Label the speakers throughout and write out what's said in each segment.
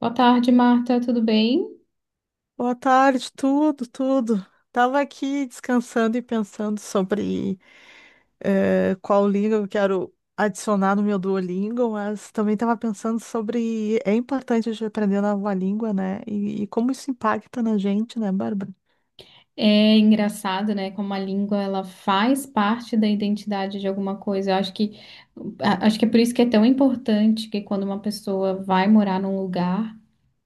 Speaker 1: Boa tarde, Marta. Tudo bem?
Speaker 2: Boa tarde, tudo, tudo. Tava aqui descansando e pensando sobre qual língua eu quero adicionar no meu Duolingo, mas também tava pensando sobre é importante a gente aprender uma nova língua, né? E como isso impacta na gente, né, Bárbara?
Speaker 1: É engraçado, né? Como a língua ela faz parte da identidade de alguma coisa. Eu acho que é por isso que é tão importante que quando uma pessoa vai morar num lugar,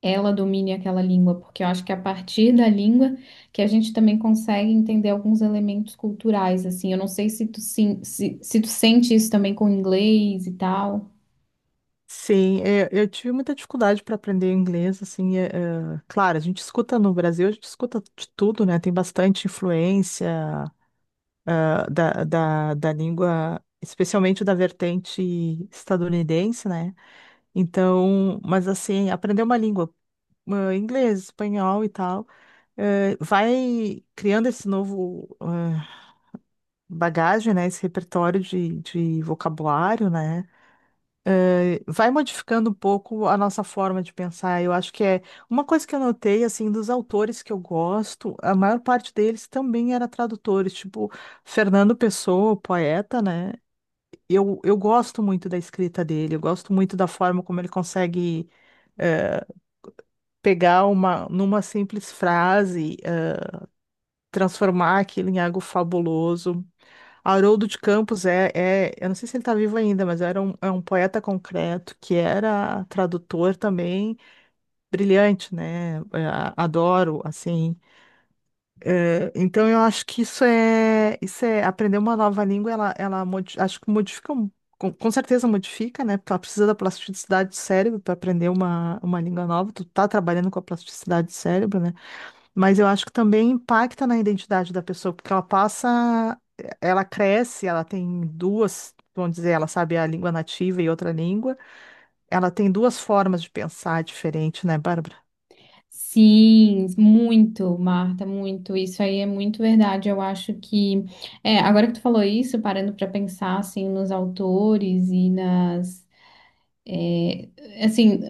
Speaker 1: ela domine aquela língua, porque eu acho que é a partir da língua que a gente também consegue entender alguns elementos culturais, assim. Eu não sei se tu, sim, se tu sente isso também com o inglês e tal.
Speaker 2: Sim, tive muita dificuldade para aprender inglês, assim, claro, a gente escuta no Brasil, a gente escuta de tudo, né? Tem bastante influência, da língua, especialmente da vertente estadunidense, né? Então, mas assim, aprender uma língua, inglês, espanhol e tal, vai criando esse novo bagagem, né? Esse repertório de vocabulário, né? Vai modificando um pouco a nossa forma de pensar. Eu acho que é uma coisa que eu notei, assim, dos autores que eu gosto, a maior parte deles também era tradutores, tipo Fernando Pessoa, o poeta, né? Eu gosto muito da escrita dele, eu gosto muito da forma como ele consegue pegar numa simples frase, transformar aquilo em algo fabuloso. Haroldo de Campos é, eu não sei se ele está vivo ainda, mas é um poeta concreto que era tradutor também, brilhante, né? Adoro, assim. É, então eu acho que isso é aprender uma nova língua, ela modi- acho que modifica, com certeza modifica, né? Porque ela precisa da plasticidade do cérebro para aprender uma língua nova, tu tá trabalhando com a plasticidade do cérebro, né? Mas eu acho que também impacta na identidade da pessoa, porque ela passa, ela cresce, ela tem duas, vamos dizer, ela sabe a língua nativa e outra língua, ela tem duas formas de pensar diferente, né, Bárbara?
Speaker 1: Sim, muito, Marta, muito. Isso aí é muito verdade. Eu acho que, agora que tu falou isso, parando para pensar assim nos autores e nas, assim,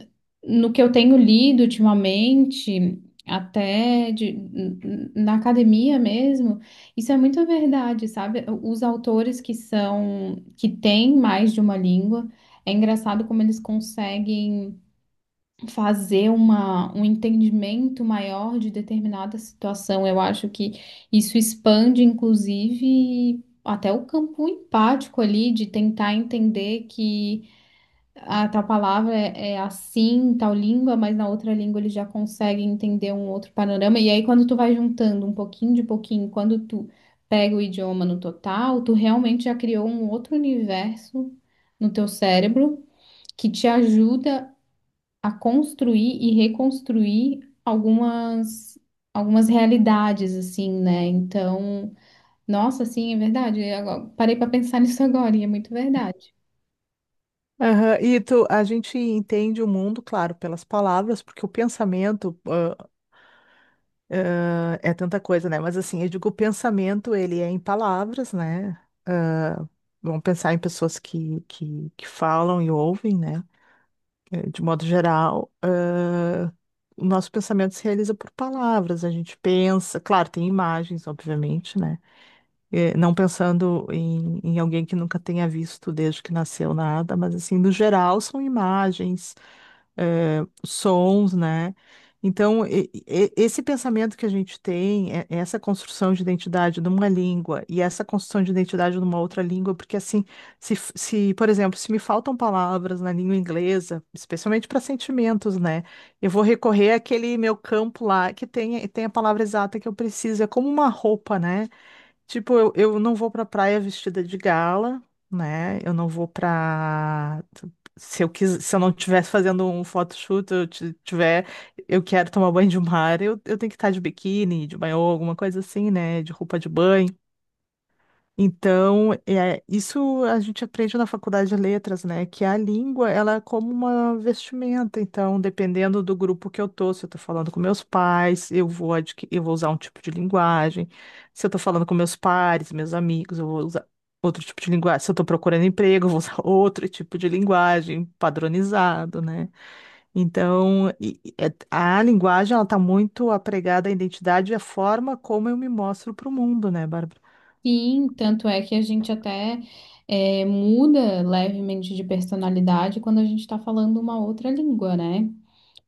Speaker 1: no que eu tenho lido ultimamente, até na academia mesmo, isso é muito verdade, sabe? Os autores que são, que têm mais de uma língua, é engraçado como eles conseguem fazer um entendimento maior de determinada situação. Eu acho que isso expande, inclusive, até o campo empático ali, de tentar entender que a tal palavra é, assim, em tal língua, mas na outra língua ele já consegue entender um outro panorama. E aí, quando tu vai juntando um pouquinho de pouquinho, quando tu pega o idioma no total, tu realmente já criou um outro universo no teu cérebro que te ajuda a construir e reconstruir algumas realidades assim, né? Então, nossa, sim, é verdade. Eu parei para pensar nisso agora e é muito verdade.
Speaker 2: Aham. E tu, a gente entende o mundo, claro, pelas palavras, porque o pensamento é tanta coisa, né? Mas assim, eu digo, o pensamento, ele é em palavras, né? Vamos pensar em pessoas que falam e ouvem, né? De modo geral, o nosso pensamento se realiza por palavras, a gente pensa, claro, tem imagens, obviamente, né? Não pensando em alguém que nunca tenha visto desde que nasceu nada, mas assim, no geral, são imagens sons, né? Então, esse pensamento que a gente tem, é essa construção de identidade numa língua e essa construção de identidade numa outra língua, porque assim, se, por exemplo, se me faltam palavras na língua inglesa, especialmente para sentimentos, né? Eu vou recorrer àquele meu campo lá que tem a palavra exata que eu preciso, é como uma roupa, né? Tipo, eu não vou pra praia vestida de gala, né? Eu não vou pra. Se eu não tivesse fazendo um photoshoot, eu tiver, eu quero tomar banho de mar, eu tenho que estar de biquíni, de banho, alguma coisa assim, né? De roupa de banho. Então, é, isso a gente aprende na faculdade de letras, né? Que a língua, ela é como uma vestimenta. Então, dependendo do grupo que eu tô, se eu tô falando com meus pais, eu vou usar um tipo de linguagem. Se eu tô falando com meus pares, meus amigos, eu vou usar outro tipo de linguagem. Se eu tô procurando emprego, eu vou usar outro tipo de linguagem, padronizado, né? Então, a linguagem, ela tá muito apregada à identidade e à forma como eu me mostro para o mundo, né, Bárbara?
Speaker 1: Sim, tanto é que a gente até muda levemente de personalidade quando a gente está falando uma outra língua, né?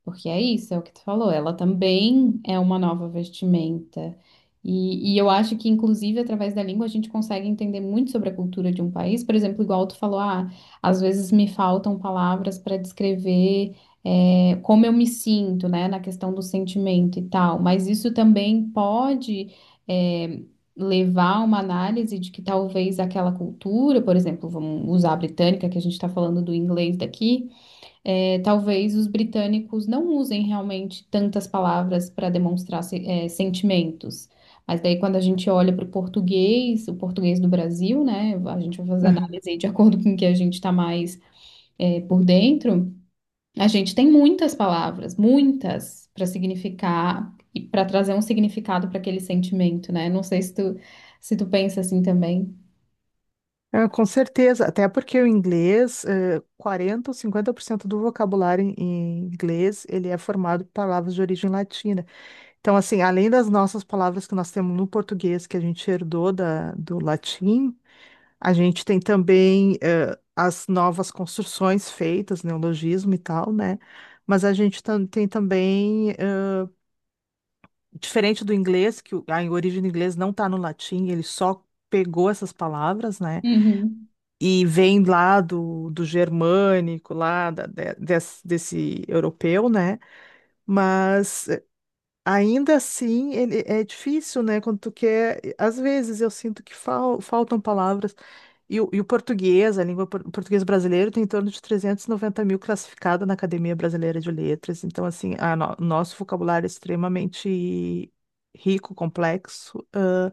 Speaker 1: Porque é isso, é o que tu falou. Ela também é uma nova vestimenta. E eu acho que, inclusive, através da língua, a gente consegue entender muito sobre a cultura de um país. Por exemplo, igual tu falou, ah, às vezes me faltam palavras para descrever, como eu me sinto, né, na questão do sentimento e tal. Mas isso também pode, é, levar a uma análise de que talvez aquela cultura, por exemplo, vamos usar a britânica, que a gente está falando do inglês daqui. É, talvez os britânicos não usem realmente tantas palavras para demonstrar sentimentos. Mas daí, quando a gente olha para o português do Brasil, né? A gente vai fazer análise aí de acordo com o que a gente está mais por dentro. A gente tem muitas palavras, muitas, para significar e para trazer um significado para aquele sentimento, né? Não sei se tu pensa assim também.
Speaker 2: Ah, com certeza, até porque o inglês, 40 ou 50% do vocabulário em inglês, ele é formado por palavras de origem latina. Então, assim, além das nossas palavras que nós temos no português, que a gente herdou do latim, a gente tem também, as novas construções feitas, neologismo né? Mas a gente tem também, diferente do inglês, que a origem do inglês não está no latim, ele só pegou essas palavras, né?
Speaker 1: Uhum.
Speaker 2: E vem lá do, do germânico, lá desse, europeu, né? Mas ainda assim, ele é difícil, né? Quando tu quer. Às vezes eu sinto que faltam palavras. E o português, a o português brasileiro, tem em torno de 390 mil classificada na Academia Brasileira de Letras. Então, assim, a nosso vocabulário é extremamente rico, complexo,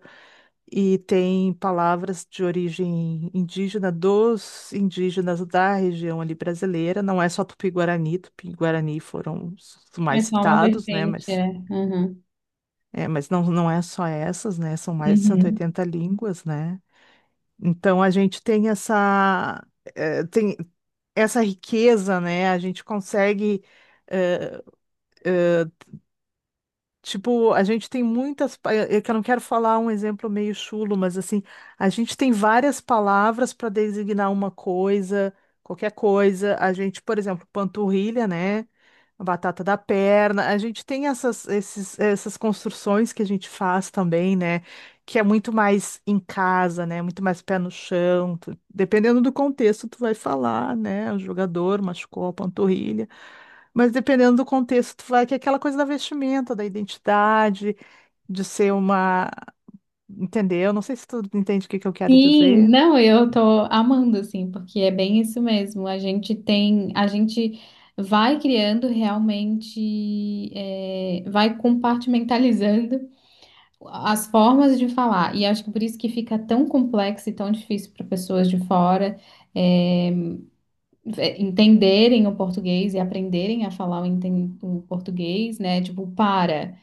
Speaker 2: e tem palavras de origem indígena dos indígenas da região ali brasileira. Não é só Tupi-Guarani, Tupi-Guarani foram os
Speaker 1: É
Speaker 2: mais
Speaker 1: só uma
Speaker 2: citados, né?
Speaker 1: vertente,
Speaker 2: Mas
Speaker 1: é. Uhum.
Speaker 2: é, mas não é só essas, né? São mais de cento e
Speaker 1: Uhum.
Speaker 2: oitenta línguas, né? Então a gente tem eh, tem essa riqueza, né? A gente consegue eh, eh, tipo, a gente tem muitas. É que eu não quero falar um exemplo meio chulo, mas assim, a gente tem várias palavras para designar uma coisa, qualquer coisa. A gente, por exemplo, panturrilha, né? A batata da perna. A gente tem essas construções que a gente faz também, né? Que é muito mais em casa, né? Muito mais pé no chão. Dependendo do contexto, tu vai falar, né? O jogador machucou a panturrilha. Mas dependendo do contexto, tu vai que é aquela coisa da vestimenta, da identidade, de ser uma. Entendeu? Não sei se tu entende o que que eu quero
Speaker 1: Sim,
Speaker 2: dizer.
Speaker 1: não, eu tô amando, assim, porque é bem isso mesmo. A gente vai criando realmente, vai compartimentalizando as formas de falar. E acho que por isso que fica tão complexo e tão difícil para pessoas de fora, é, entenderem o português e aprenderem a falar o português, né? Tipo, para.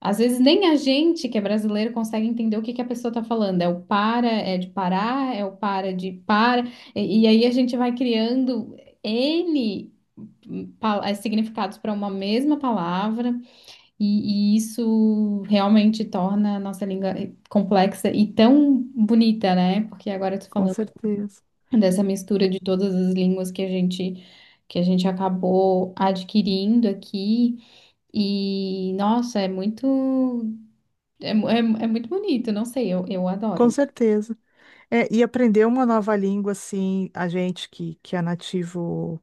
Speaker 1: Às vezes nem a gente que é brasileiro consegue entender o que que a pessoa está falando. É o para, é de parar, é o para de para. E aí a gente vai criando N significados para uma mesma palavra, e isso realmente torna a nossa língua complexa e tão bonita, né? Porque agora eu tô
Speaker 2: Com
Speaker 1: falando
Speaker 2: certeza.
Speaker 1: dessa mistura de todas as línguas que a gente acabou adquirindo aqui. E, nossa, é muito. É muito bonito, não sei, eu adoro.
Speaker 2: Com
Speaker 1: Né?
Speaker 2: certeza. É, e aprender uma nova língua, assim, a gente que é nativo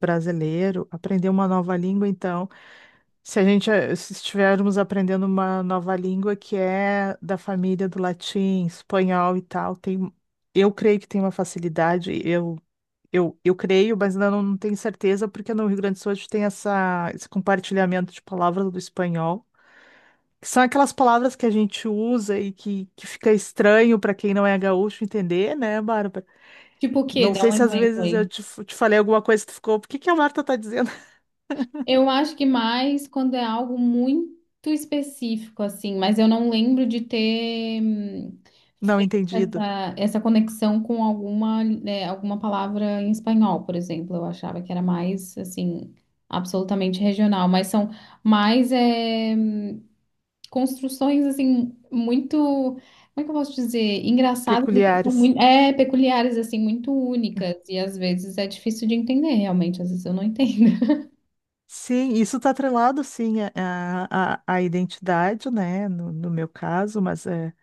Speaker 2: brasileiro, aprender uma nova língua, então, se a gente eh, se estivermos aprendendo uma nova língua que é da família do latim, espanhol e tal, tem, eu creio que tem uma facilidade, eu creio, mas ainda não tenho certeza, porque no Rio Grande do Sul a gente tem esse compartilhamento de palavras do espanhol, que são aquelas palavras que a gente usa e que fica estranho para quem não é gaúcho entender, né, Bárbara?
Speaker 1: Tipo o quê?
Speaker 2: Não
Speaker 1: Dá
Speaker 2: sei
Speaker 1: um
Speaker 2: se às
Speaker 1: exemplo
Speaker 2: vezes eu
Speaker 1: aí.
Speaker 2: te falei alguma coisa que tu ficou, por que que a Marta tá dizendo?
Speaker 1: Eu acho que mais quando é algo muito específico, assim, mas eu não lembro de ter
Speaker 2: Não
Speaker 1: feito
Speaker 2: entendido.
Speaker 1: essa conexão com alguma, né, alguma palavra em espanhol, por exemplo. Eu achava que era mais, assim, absolutamente regional, mas são mais, construções assim muito, como é que eu posso dizer, engraçadas e que são
Speaker 2: Peculiares.
Speaker 1: muito, peculiares assim, muito únicas e às vezes é difícil de entender realmente, às vezes eu não entendo.
Speaker 2: Sim, isso está atrelado, sim, à identidade, né, no, no meu caso, mas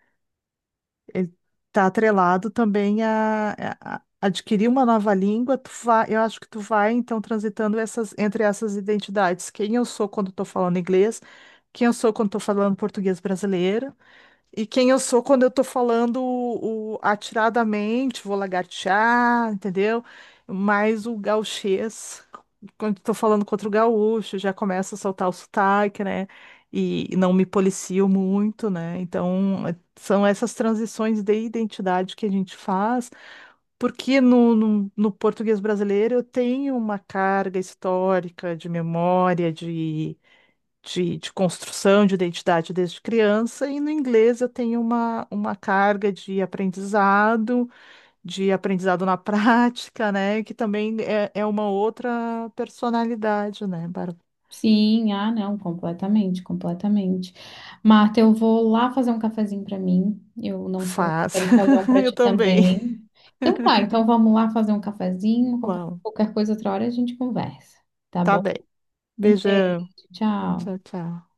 Speaker 2: ele está atrelado também a, a adquirir uma nova língua, tu vai, eu acho que tu vai então transitando essas entre essas identidades, quem eu sou quando estou falando inglês, quem eu sou quando estou falando português brasileiro, e quem eu sou quando eu tô falando atiradamente, vou lagartear, entendeu? Mais o gauchês, quando tô falando contra o gaúcho, já começa a soltar o sotaque, né? E não me policio muito, né? Então, são essas transições de identidade que a gente faz, porque no português brasileiro eu tenho uma carga histórica de memória, de construção de identidade desde criança, e no inglês eu tenho uma carga de aprendizado na prática, né? Que também é uma outra personalidade, né, Bárbara?
Speaker 1: Sim, ah, não, completamente, completamente. Marta, eu vou lá fazer um cafezinho para mim. Eu não sei se
Speaker 2: Faz.
Speaker 1: quero fazer um para
Speaker 2: Eu
Speaker 1: ti
Speaker 2: também.
Speaker 1: também. Então tá, então vamos lá fazer um cafezinho, qualquer,
Speaker 2: Uau.
Speaker 1: qualquer coisa outra hora a gente conversa, tá
Speaker 2: Tá
Speaker 1: bom?
Speaker 2: bem.
Speaker 1: Um beijo,
Speaker 2: Beijão.
Speaker 1: tchau.
Speaker 2: Tchau, tchau.